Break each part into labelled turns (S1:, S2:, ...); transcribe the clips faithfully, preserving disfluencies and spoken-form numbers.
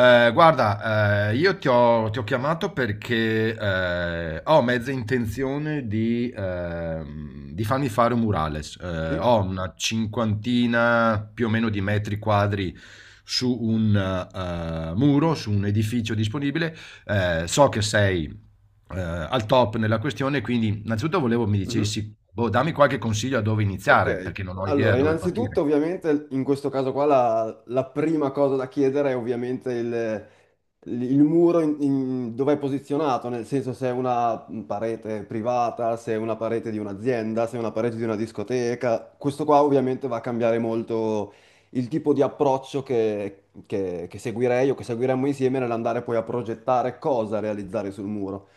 S1: Eh, guarda, eh, io ti ho, ti ho chiamato perché eh, ho mezza intenzione di, ehm, di farmi fare un murales. Eh,
S2: Sì?
S1: ho una cinquantina più o meno di metri quadri su un eh, muro, su un edificio disponibile. Eh, so che sei eh, al top nella questione, quindi innanzitutto volevo mi
S2: Mhm.
S1: dicessi, boh, dammi qualche consiglio a dove iniziare,
S2: Ok,
S1: perché non ho idea da
S2: allora
S1: dove partire.
S2: innanzitutto ovviamente in questo caso qua la, la prima cosa da chiedere è ovviamente il, il muro in- in- dove è posizionato, nel senso se è una parete privata, se è una parete di un'azienda, se è una parete di una discoteca. Questo qua ovviamente va a cambiare molto il tipo di approccio che, che che seguirei o che seguiremmo insieme nell'andare poi a progettare cosa realizzare sul muro.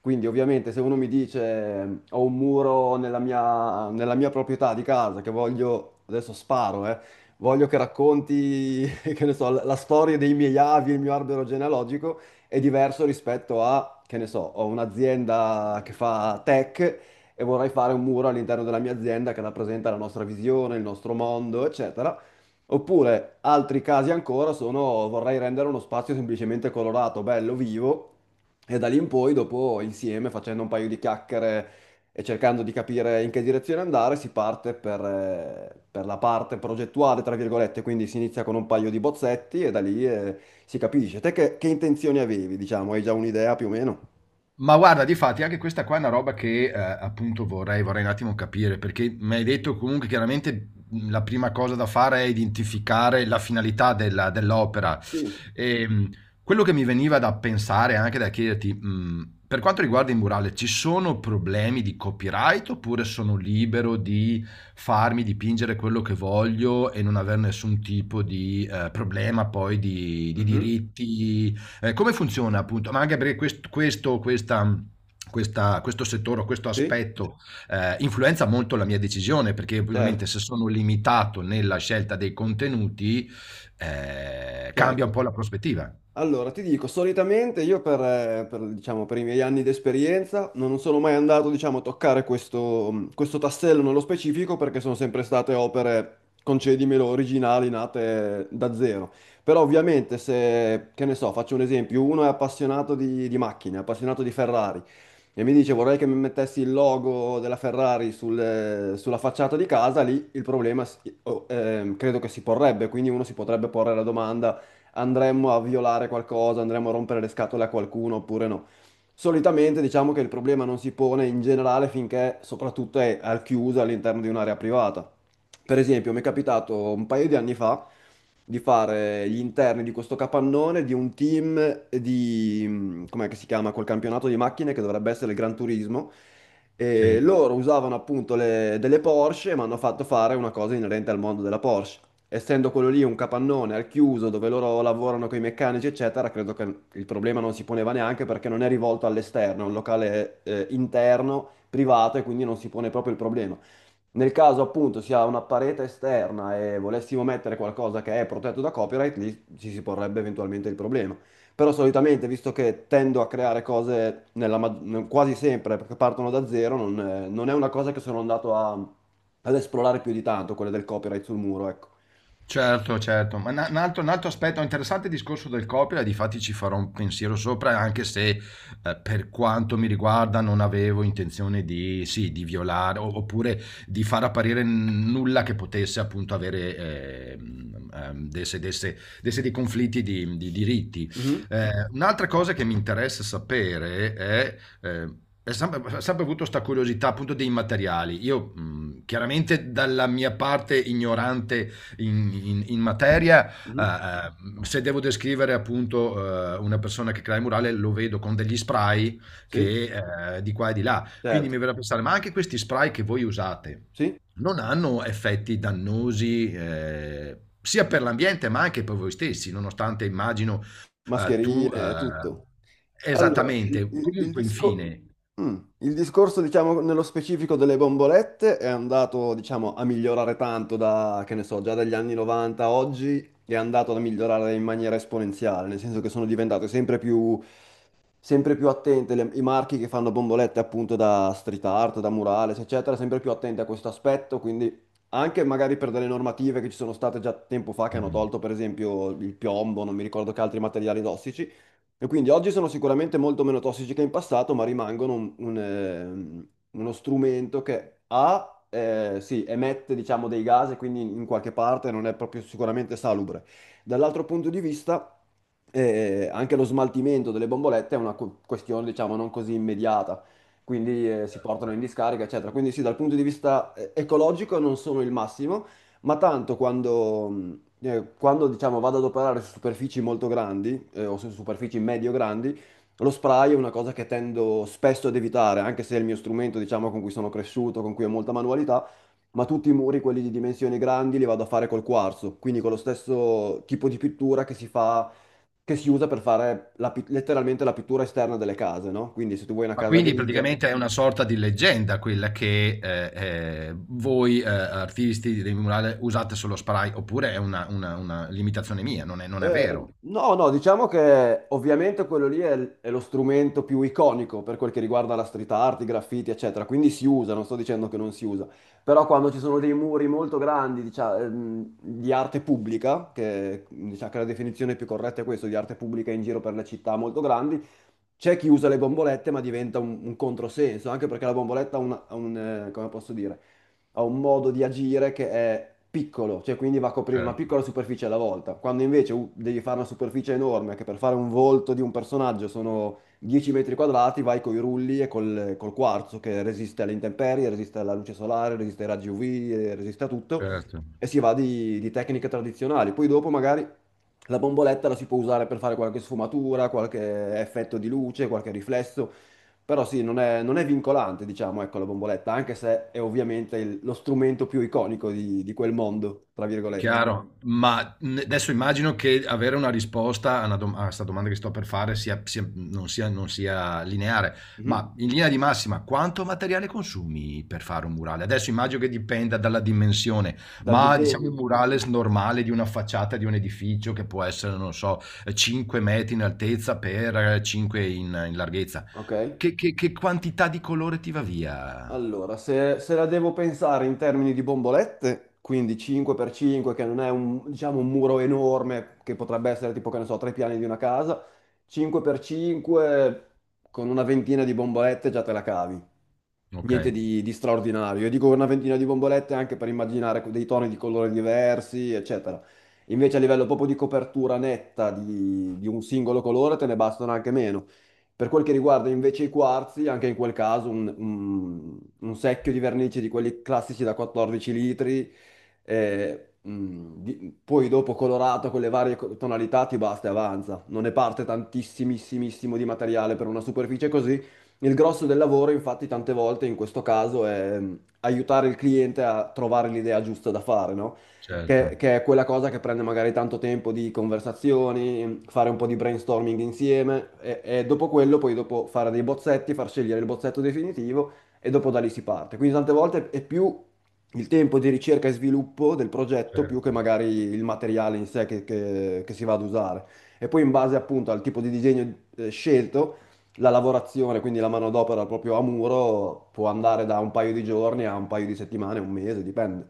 S2: Quindi ovviamente se uno mi dice ho un muro nella mia, nella mia proprietà di casa che voglio, adesso sparo, eh, voglio che racconti, che ne so, la, la storia dei miei avi, il mio albero genealogico, è diverso rispetto a, che ne so, ho un'azienda che fa tech e vorrei fare un muro all'interno della mia azienda che rappresenta la nostra visione, il nostro mondo, eccetera. Oppure altri casi ancora sono vorrei rendere uno spazio semplicemente colorato, bello, vivo e da lì in poi, dopo insieme, facendo un paio di chiacchiere e cercando di capire in che direzione andare, si parte per, eh, per la parte progettuale, tra virgolette, quindi si inizia con un paio di bozzetti e da lì eh, si capisce. Te che, che intenzioni avevi, diciamo? Hai già un'idea più o meno?
S1: Ma guarda, difatti anche questa qua è una roba che, ehm, appunto vorrei vorrei un attimo capire, perché m'hai detto comunque chiaramente, mhmm, la prima cosa da fare è identificare la finalità della dell'opera.
S2: Sì.
S1: Ehm, Quello che mi veniva da pensare, anche da chiederti, mhmm, per quanto riguarda il murale, ci sono problemi di copyright oppure sono libero di farmi dipingere quello che voglio e non aver nessun tipo di, ehm, problema poi di di
S2: Mhm.
S1: diritti eh, come funziona appunto? Ma anche perché quest- questo, questa, questa- questo settore, o questo
S2: Sì,
S1: aspetto eh, influenza molto la mia decisione, perché
S2: certo,
S1: ovviamente se sono limitato nella scelta dei contenuti eh, cambia un
S2: certo.
S1: po' la prospettiva.
S2: Allora, ti dico, solitamente io per, eh, per, diciamo, per i miei anni di esperienza non sono mai andato, diciamo, a toccare questo, mh, questo tassello nello specifico perché sono sempre state opere, concedimelo, originali, nate da zero. Però ovviamente se, che ne so, faccio un esempio, uno è appassionato di, di macchine, è appassionato di Ferrari e mi dice vorrei che mi mettessi il logo della Ferrari sul- sulla facciata di casa, lì il problema si- o- ehm, credo che si porrebbe, quindi uno si potrebbe porre la domanda andremmo a violare qualcosa, andremmo a rompere le scatole a qualcuno oppure no. Solitamente diciamo che il problema non si pone in generale finché soprattutto è al chiuso all'interno di un'area privata. Per esempio, mi è capitato un paio di anni fa di fare gli interni di questo capannone di un team di, mh, com'è che si chiama, quel campionato di macchine che dovrebbe essere il Gran Turismo. E
S1: Sì.
S2: loro usavano appunto le- delle Porsche e mi hanno fatto fare una cosa inerente al mondo della Porsche essendo quello lì un capannone al chiuso dove loro lavorano con i meccanici, eccetera, credo che il problema non si poneva neanche perché non è rivolto all'esterno, è un locale eh, interno, privato e quindi non si pone proprio il problema. Nel caso appunto sia una parete esterna e volessimo mettere qualcosa che è protetto da copyright, lì ci si porrebbe eventualmente il problema. Però solitamente, visto che tendo a creare cose nella ma- quasi sempre perché partono da zero, non, eh, non è una cosa che sono andato a- ad esplorare più di tanto, quelle del copyright sul muro, ecco.
S1: Certo, certo, ma na- un altro, un altro aspetto interessante è il discorso del copyright, difatti ci farò un pensiero sopra, anche se eh, per quanto mi riguarda non avevo intenzione di, sì, di violare o- oppure di far apparire n- nulla che potesse appunto avere eh, ehm, desse, desse- desse dei conflitti di, di diritti.
S2: Mhm,
S1: Eh, un'altra cosa che mi interessa sapere è... eh, è sempre, ho sempre avuto questa curiosità appunto dei materiali. Io, mh, chiaramente dalla mia parte ignorante in, in- in materia,
S2: mhm,
S1: eh, eh, se devo descrivere appunto eh, una persona che crea il murale, lo vedo con degli spray
S2: sì,
S1: che eh, di qua e di là. Quindi
S2: certo,
S1: mi verrà a pensare, ma anche questi spray che voi usate
S2: sì,
S1: non hanno effetti dannosi eh, sia per l'ambiente ma anche per voi stessi, nonostante immagino eh, tu
S2: mascherine, è tutto.
S1: eh,
S2: Allora,
S1: esattamente,
S2: il, il- il
S1: comunque
S2: disco-
S1: infine.
S2: mm, il discorso, diciamo, nello specifico delle bombolette è andato, diciamo, a migliorare tanto da, che ne so, già dagli anni novanta a oggi è andato a migliorare in maniera esponenziale, nel senso che sono diventate sempre più, sempre più attente le- i marchi che fanno bombolette appunto da street art, da murales, eccetera, sempre più attenti a questo aspetto, quindi anche magari per delle normative che ci sono state già tempo fa che hanno
S1: Mm.
S2: tolto, per esempio, il piombo, non mi ricordo che altri materiali tossici. E quindi oggi sono sicuramente molto meno tossici che in passato, ma rimangono un- un, ehm, uno strumento che A, eh, sì, emette, diciamo, dei gas e quindi in qualche parte non è proprio sicuramente salubre. Dall'altro punto di vista, eh, anche lo smaltimento delle bombolette è una cu- questione, diciamo, non così immediata, quindi eh, si portano in discarica, eccetera. Quindi sì, dal punto di vista eh, ecologico non sono il massimo, ma tanto quando, mm, eh, quando, diciamo, vado ad operare su superfici molto grandi eh, o su superfici medio-grandi, lo spray è una cosa che tendo spesso ad evitare, anche se è il mio strumento, diciamo, con cui sono cresciuto, con cui ho molta manualità, ma tutti i muri, quelli di dimensioni grandi, li vado a fare col quarzo, quindi con lo stesso tipo di pittura che si fa, che si usa per fare la pi- letteralmente la pittura esterna delle case, no? Quindi se tu vuoi una
S1: Ma
S2: casa
S1: quindi
S2: grigia.
S1: praticamente è una sorta di leggenda quella che eh, eh, voi eh, artisti dei murale usate solo spray, oppure è una, una- una limitazione mia, non è, non è
S2: Eh,
S1: vero.
S2: no, no, diciamo che ovviamente quello lì è, è lo strumento più iconico per quel che riguarda la street art, i graffiti, eccetera, quindi si usa, non sto dicendo che non si usa, però quando ci sono dei muri molto grandi, diciamo, ehm, di arte pubblica, che diciamo che la definizione più corretta è questa, di arte pubblica in giro per le città molto grandi, c'è chi usa le bombolette, ma diventa un, un controsenso, anche perché la bomboletta ha un, ha un, eh, come posso dire, ha un modo di agire che è piccolo, cioè quindi va a coprire una
S1: Certo,
S2: piccola superficie alla volta, quando invece uh, devi fare una superficie enorme, che per fare un volto di un personaggio sono dieci metri quadrati, vai con i rulli e col, col quarzo che resiste alle intemperie, resiste alla luce solare, resiste ai raggi U V, eh, resiste a tutto,
S1: certo.
S2: e si va di, di tecniche tradizionali. Poi dopo magari. La bomboletta la si può usare per fare qualche sfumatura, qualche effetto di luce, qualche riflesso, però sì, non è, non è vincolante, diciamo, ecco, la bomboletta, anche se è ovviamente il- lo strumento più iconico di, di quel mondo, tra virgolette.
S1: Chiaro, ma n- adesso immagino che avere una risposta a, una dom- a questa domanda che sto per fare sia- sia- non sia, non sia lineare, ma
S2: Mhm.
S1: in linea di massima, quanto materiale consumi per fare un murale? Adesso immagino che dipenda dalla dimensione,
S2: Dal
S1: ma diciamo un
S2: disegno,
S1: murale s- normale di una facciata di un edificio che può essere, non so, cinque metri in altezza per cinque in, in larghezza.
S2: ok?
S1: Che, che che quantità di colore ti va via?
S2: Allora, se, se la devo pensare in termini di bombolette, quindi cinque per cinque, che non è un, diciamo, un muro enorme, che potrebbe essere tipo, che ne so, tre piani di una casa, cinque per cinque con una ventina di bombolette già te la cavi.
S1: Ok,
S2: Niente di, di straordinario. Io dico una ventina di bombolette anche per immaginare dei toni di colore diversi, eccetera. Invece a livello proprio di copertura netta di, di un singolo colore te ne bastano anche meno. Per quel che riguarda invece i quarzi, anche in quel caso un, un- un secchio di vernice di quelli classici da quattordici litri, eh, mm, di- poi dopo colorato con le varie co- tonalità ti basta e avanza. Non ne parte tantissimissimo di materiale per una superficie così. Il grosso del lavoro, infatti, tante volte in questo caso è mm, aiutare il cliente a trovare l'idea giusta da fare, no?
S1: certo,
S2: che, che è quella cosa che prende magari tanto tempo di conversazioni, fare un po' di brainstorming insieme e, e dopo quello poi dopo fare dei bozzetti, far scegliere il bozzetto definitivo e dopo da lì si parte. Quindi tante volte è più il tempo di ricerca e sviluppo del progetto più che
S1: certo.
S2: magari il materiale in sé che, che- che si va ad usare. E poi in base appunto al tipo di disegno eh, scelto, la lavorazione, quindi la manodopera proprio a muro, può andare da un paio di giorni a un paio di settimane, un mese, dipende.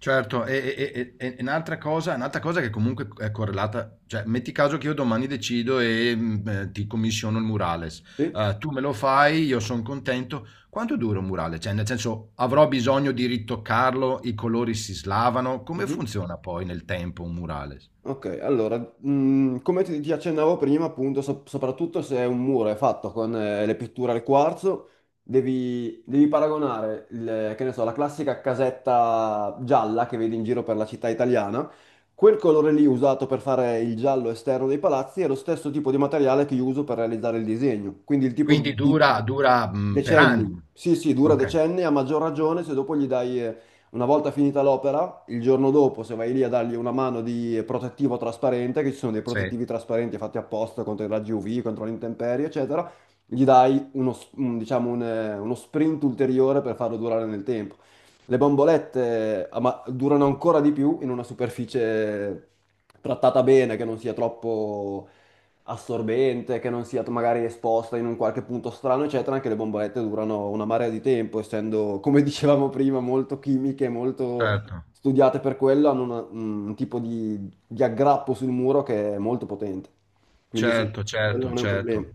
S1: Certo, e, e- e- e un'altra cosa, un'altra cosa che comunque è correlata, cioè metti caso che io domani decido e mm, eh, ti commissiono il murales,
S2: Sì?
S1: eh, tu me lo fai, io sono contento, quanto dura un murale? Cioè nel senso avrò bisogno di ritoccarlo, i colori si slavano, come
S2: Mhm.
S1: funziona poi nel tempo un murales?
S2: Ok, allora, mh, come ti, ti accennavo prima, appunto, so- soprattutto se un muro è fatto con eh, le pitture al quarzo, devi, devi paragonare, il- che ne so, la classica casetta gialla che vedi in giro per la città italiana, quel colore lì usato per fare il giallo esterno dei palazzi è lo stesso tipo di materiale che io uso per realizzare il disegno, quindi il tipo di...
S1: Quindi
S2: di-
S1: dura, dura, mm, per
S2: Decenni,
S1: anni.
S2: sì sì, dura
S1: Ok,
S2: decenni, a maggior ragione se dopo gli dai... eh, una volta finita l'opera, il giorno dopo, se vai lì a dargli una mano di protettivo trasparente, che ci sono dei
S1: sì,
S2: protettivi trasparenti fatti apposta contro i raggi U V, contro le intemperie, eccetera, gli dai uno, s- un- diciamo un, eh, uno sprint ulteriore per farlo durare nel tempo. Le bombolette, ah, ma durano ancora di più in una superficie trattata bene, che non sia troppo assorbente, che non sia magari esposta in un qualche punto strano, eccetera, anche le bombolette durano una marea di tempo, essendo, come dicevamo prima, molto chimiche, molto
S1: certo.
S2: studiate per quello, hanno una- mm, un tipo di, di aggrappo sul muro che è molto potente. Quindi sì,
S1: Certo,
S2: quello
S1: certo,
S2: non è un problema.
S1: certo.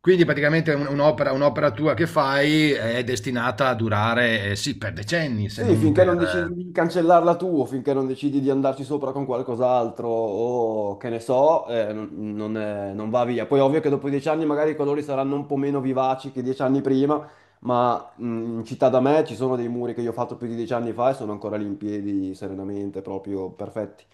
S1: Quindi praticamente un- un'opera, un'opera tua che fai è destinata a durare, eh, sì, per decenni, se
S2: Sì,
S1: non
S2: finché non
S1: per...
S2: decidi
S1: eh.
S2: di cancellarla tu, o finché non decidi di andarci sopra con qualcos'altro, o che ne so, eh, non, non è- non va via. Poi è ovvio che dopo dieci anni magari i colori saranno un po' meno vivaci che dieci anni prima, ma mh, in città da me ci sono dei muri che io ho fatto più di dieci anni fa e sono ancora lì in piedi serenamente, proprio perfetti.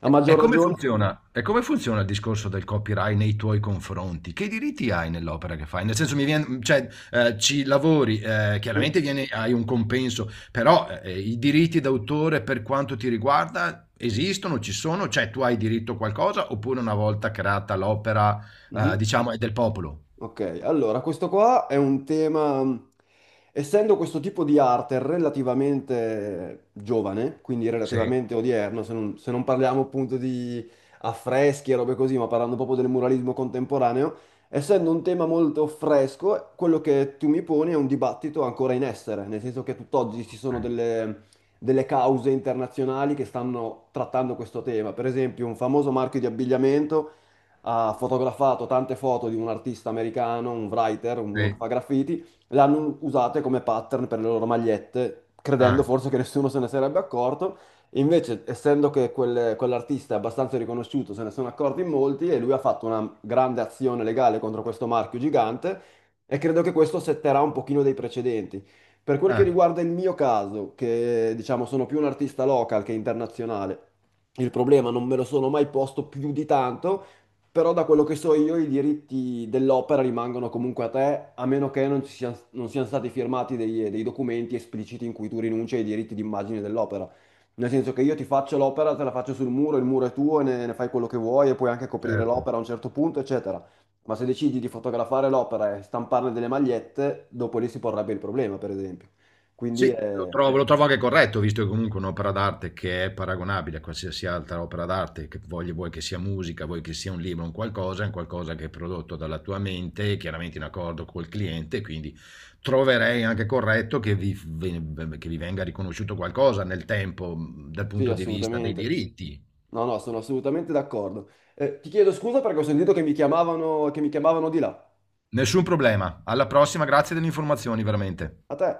S2: A
S1: E e
S2: maggior
S1: come
S2: ragione,
S1: funziona? E come funziona il discorso del copyright nei tuoi confronti? Che diritti hai nell'opera che fai? Nel senso, mi viene, cioè, eh, ci lavori, eh,
S2: sì.
S1: chiaramente viene- hai un compenso, però eh, i diritti d'autore per quanto ti riguarda esistono, ci sono? Cioè, tu hai diritto a qualcosa oppure una volta creata l'opera, eh,
S2: Mhm.
S1: diciamo, è del popolo?
S2: Ok, allora questo qua è un tema, mh, essendo questo tipo di arte relativamente giovane, quindi
S1: Sì.
S2: relativamente odierno, se non, se non, parliamo appunto di affreschi e robe così, ma parlando proprio del muralismo contemporaneo, essendo un tema molto fresco, quello che tu mi poni è un dibattito ancora in essere, nel senso che tutt'oggi ci sono
S1: Eh,
S2: delle, delle cause internazionali che stanno trattando questo tema. Per esempio, un famoso marchio di abbigliamento ha fotografato tante foto di un artista americano, un writer, uno che
S1: sì.
S2: fa graffiti, l'hanno usate come pattern per le loro magliette, credendo
S1: Ah,
S2: forse che nessuno se ne sarebbe accorto. Invece, essendo che quel- quell'artista è abbastanza riconosciuto, se ne sono accorti in molti e lui ha fatto una grande azione legale contro questo marchio gigante e credo che questo setterà un pochino dei precedenti. Per quel che
S1: ah,
S2: riguarda il mio caso, che diciamo sono più un artista local che internazionale, il problema non me lo sono mai posto più di tanto, però da quello che so io i diritti dell'opera rimangono comunque a te, a meno che non ci siano, non siano stati firmati dei, dei documenti espliciti in cui tu rinunci ai diritti d'immagine dell'opera. Nel senso che io ti faccio l'opera, te la faccio sul muro, il muro è tuo e ne, ne fai quello che vuoi e puoi anche coprire
S1: certo.
S2: l'opera a un certo punto, eccetera. Ma se decidi di fotografare l'opera e stamparne delle magliette, dopo lì si porrebbe il problema, per esempio.
S1: Sì,
S2: Quindi
S1: sì, lo
S2: eh,
S1: trovo, lo trovo anche corretto, visto che comunque è un'opera d'arte che è paragonabile a qualsiasi altra opera d'arte, che voglia- vuoi che sia musica, vuoi che sia un libro, un qualcosa, è un qualcosa che è prodotto dalla tua mente, chiaramente in accordo col cliente, quindi troverei anche corretto che vi, ve- che vi venga riconosciuto qualcosa nel tempo, mh, dal
S2: sì,
S1: punto di vista dei
S2: assolutamente.
S1: diritti.
S2: No, no, sono assolutamente d'accordo. Eh, ti chiedo scusa perché ho sentito che mi chiamavano, che mi chiamavano di là.
S1: Nessun problema. Alla prossima, grazie delle informazioni, veramente.
S2: A te.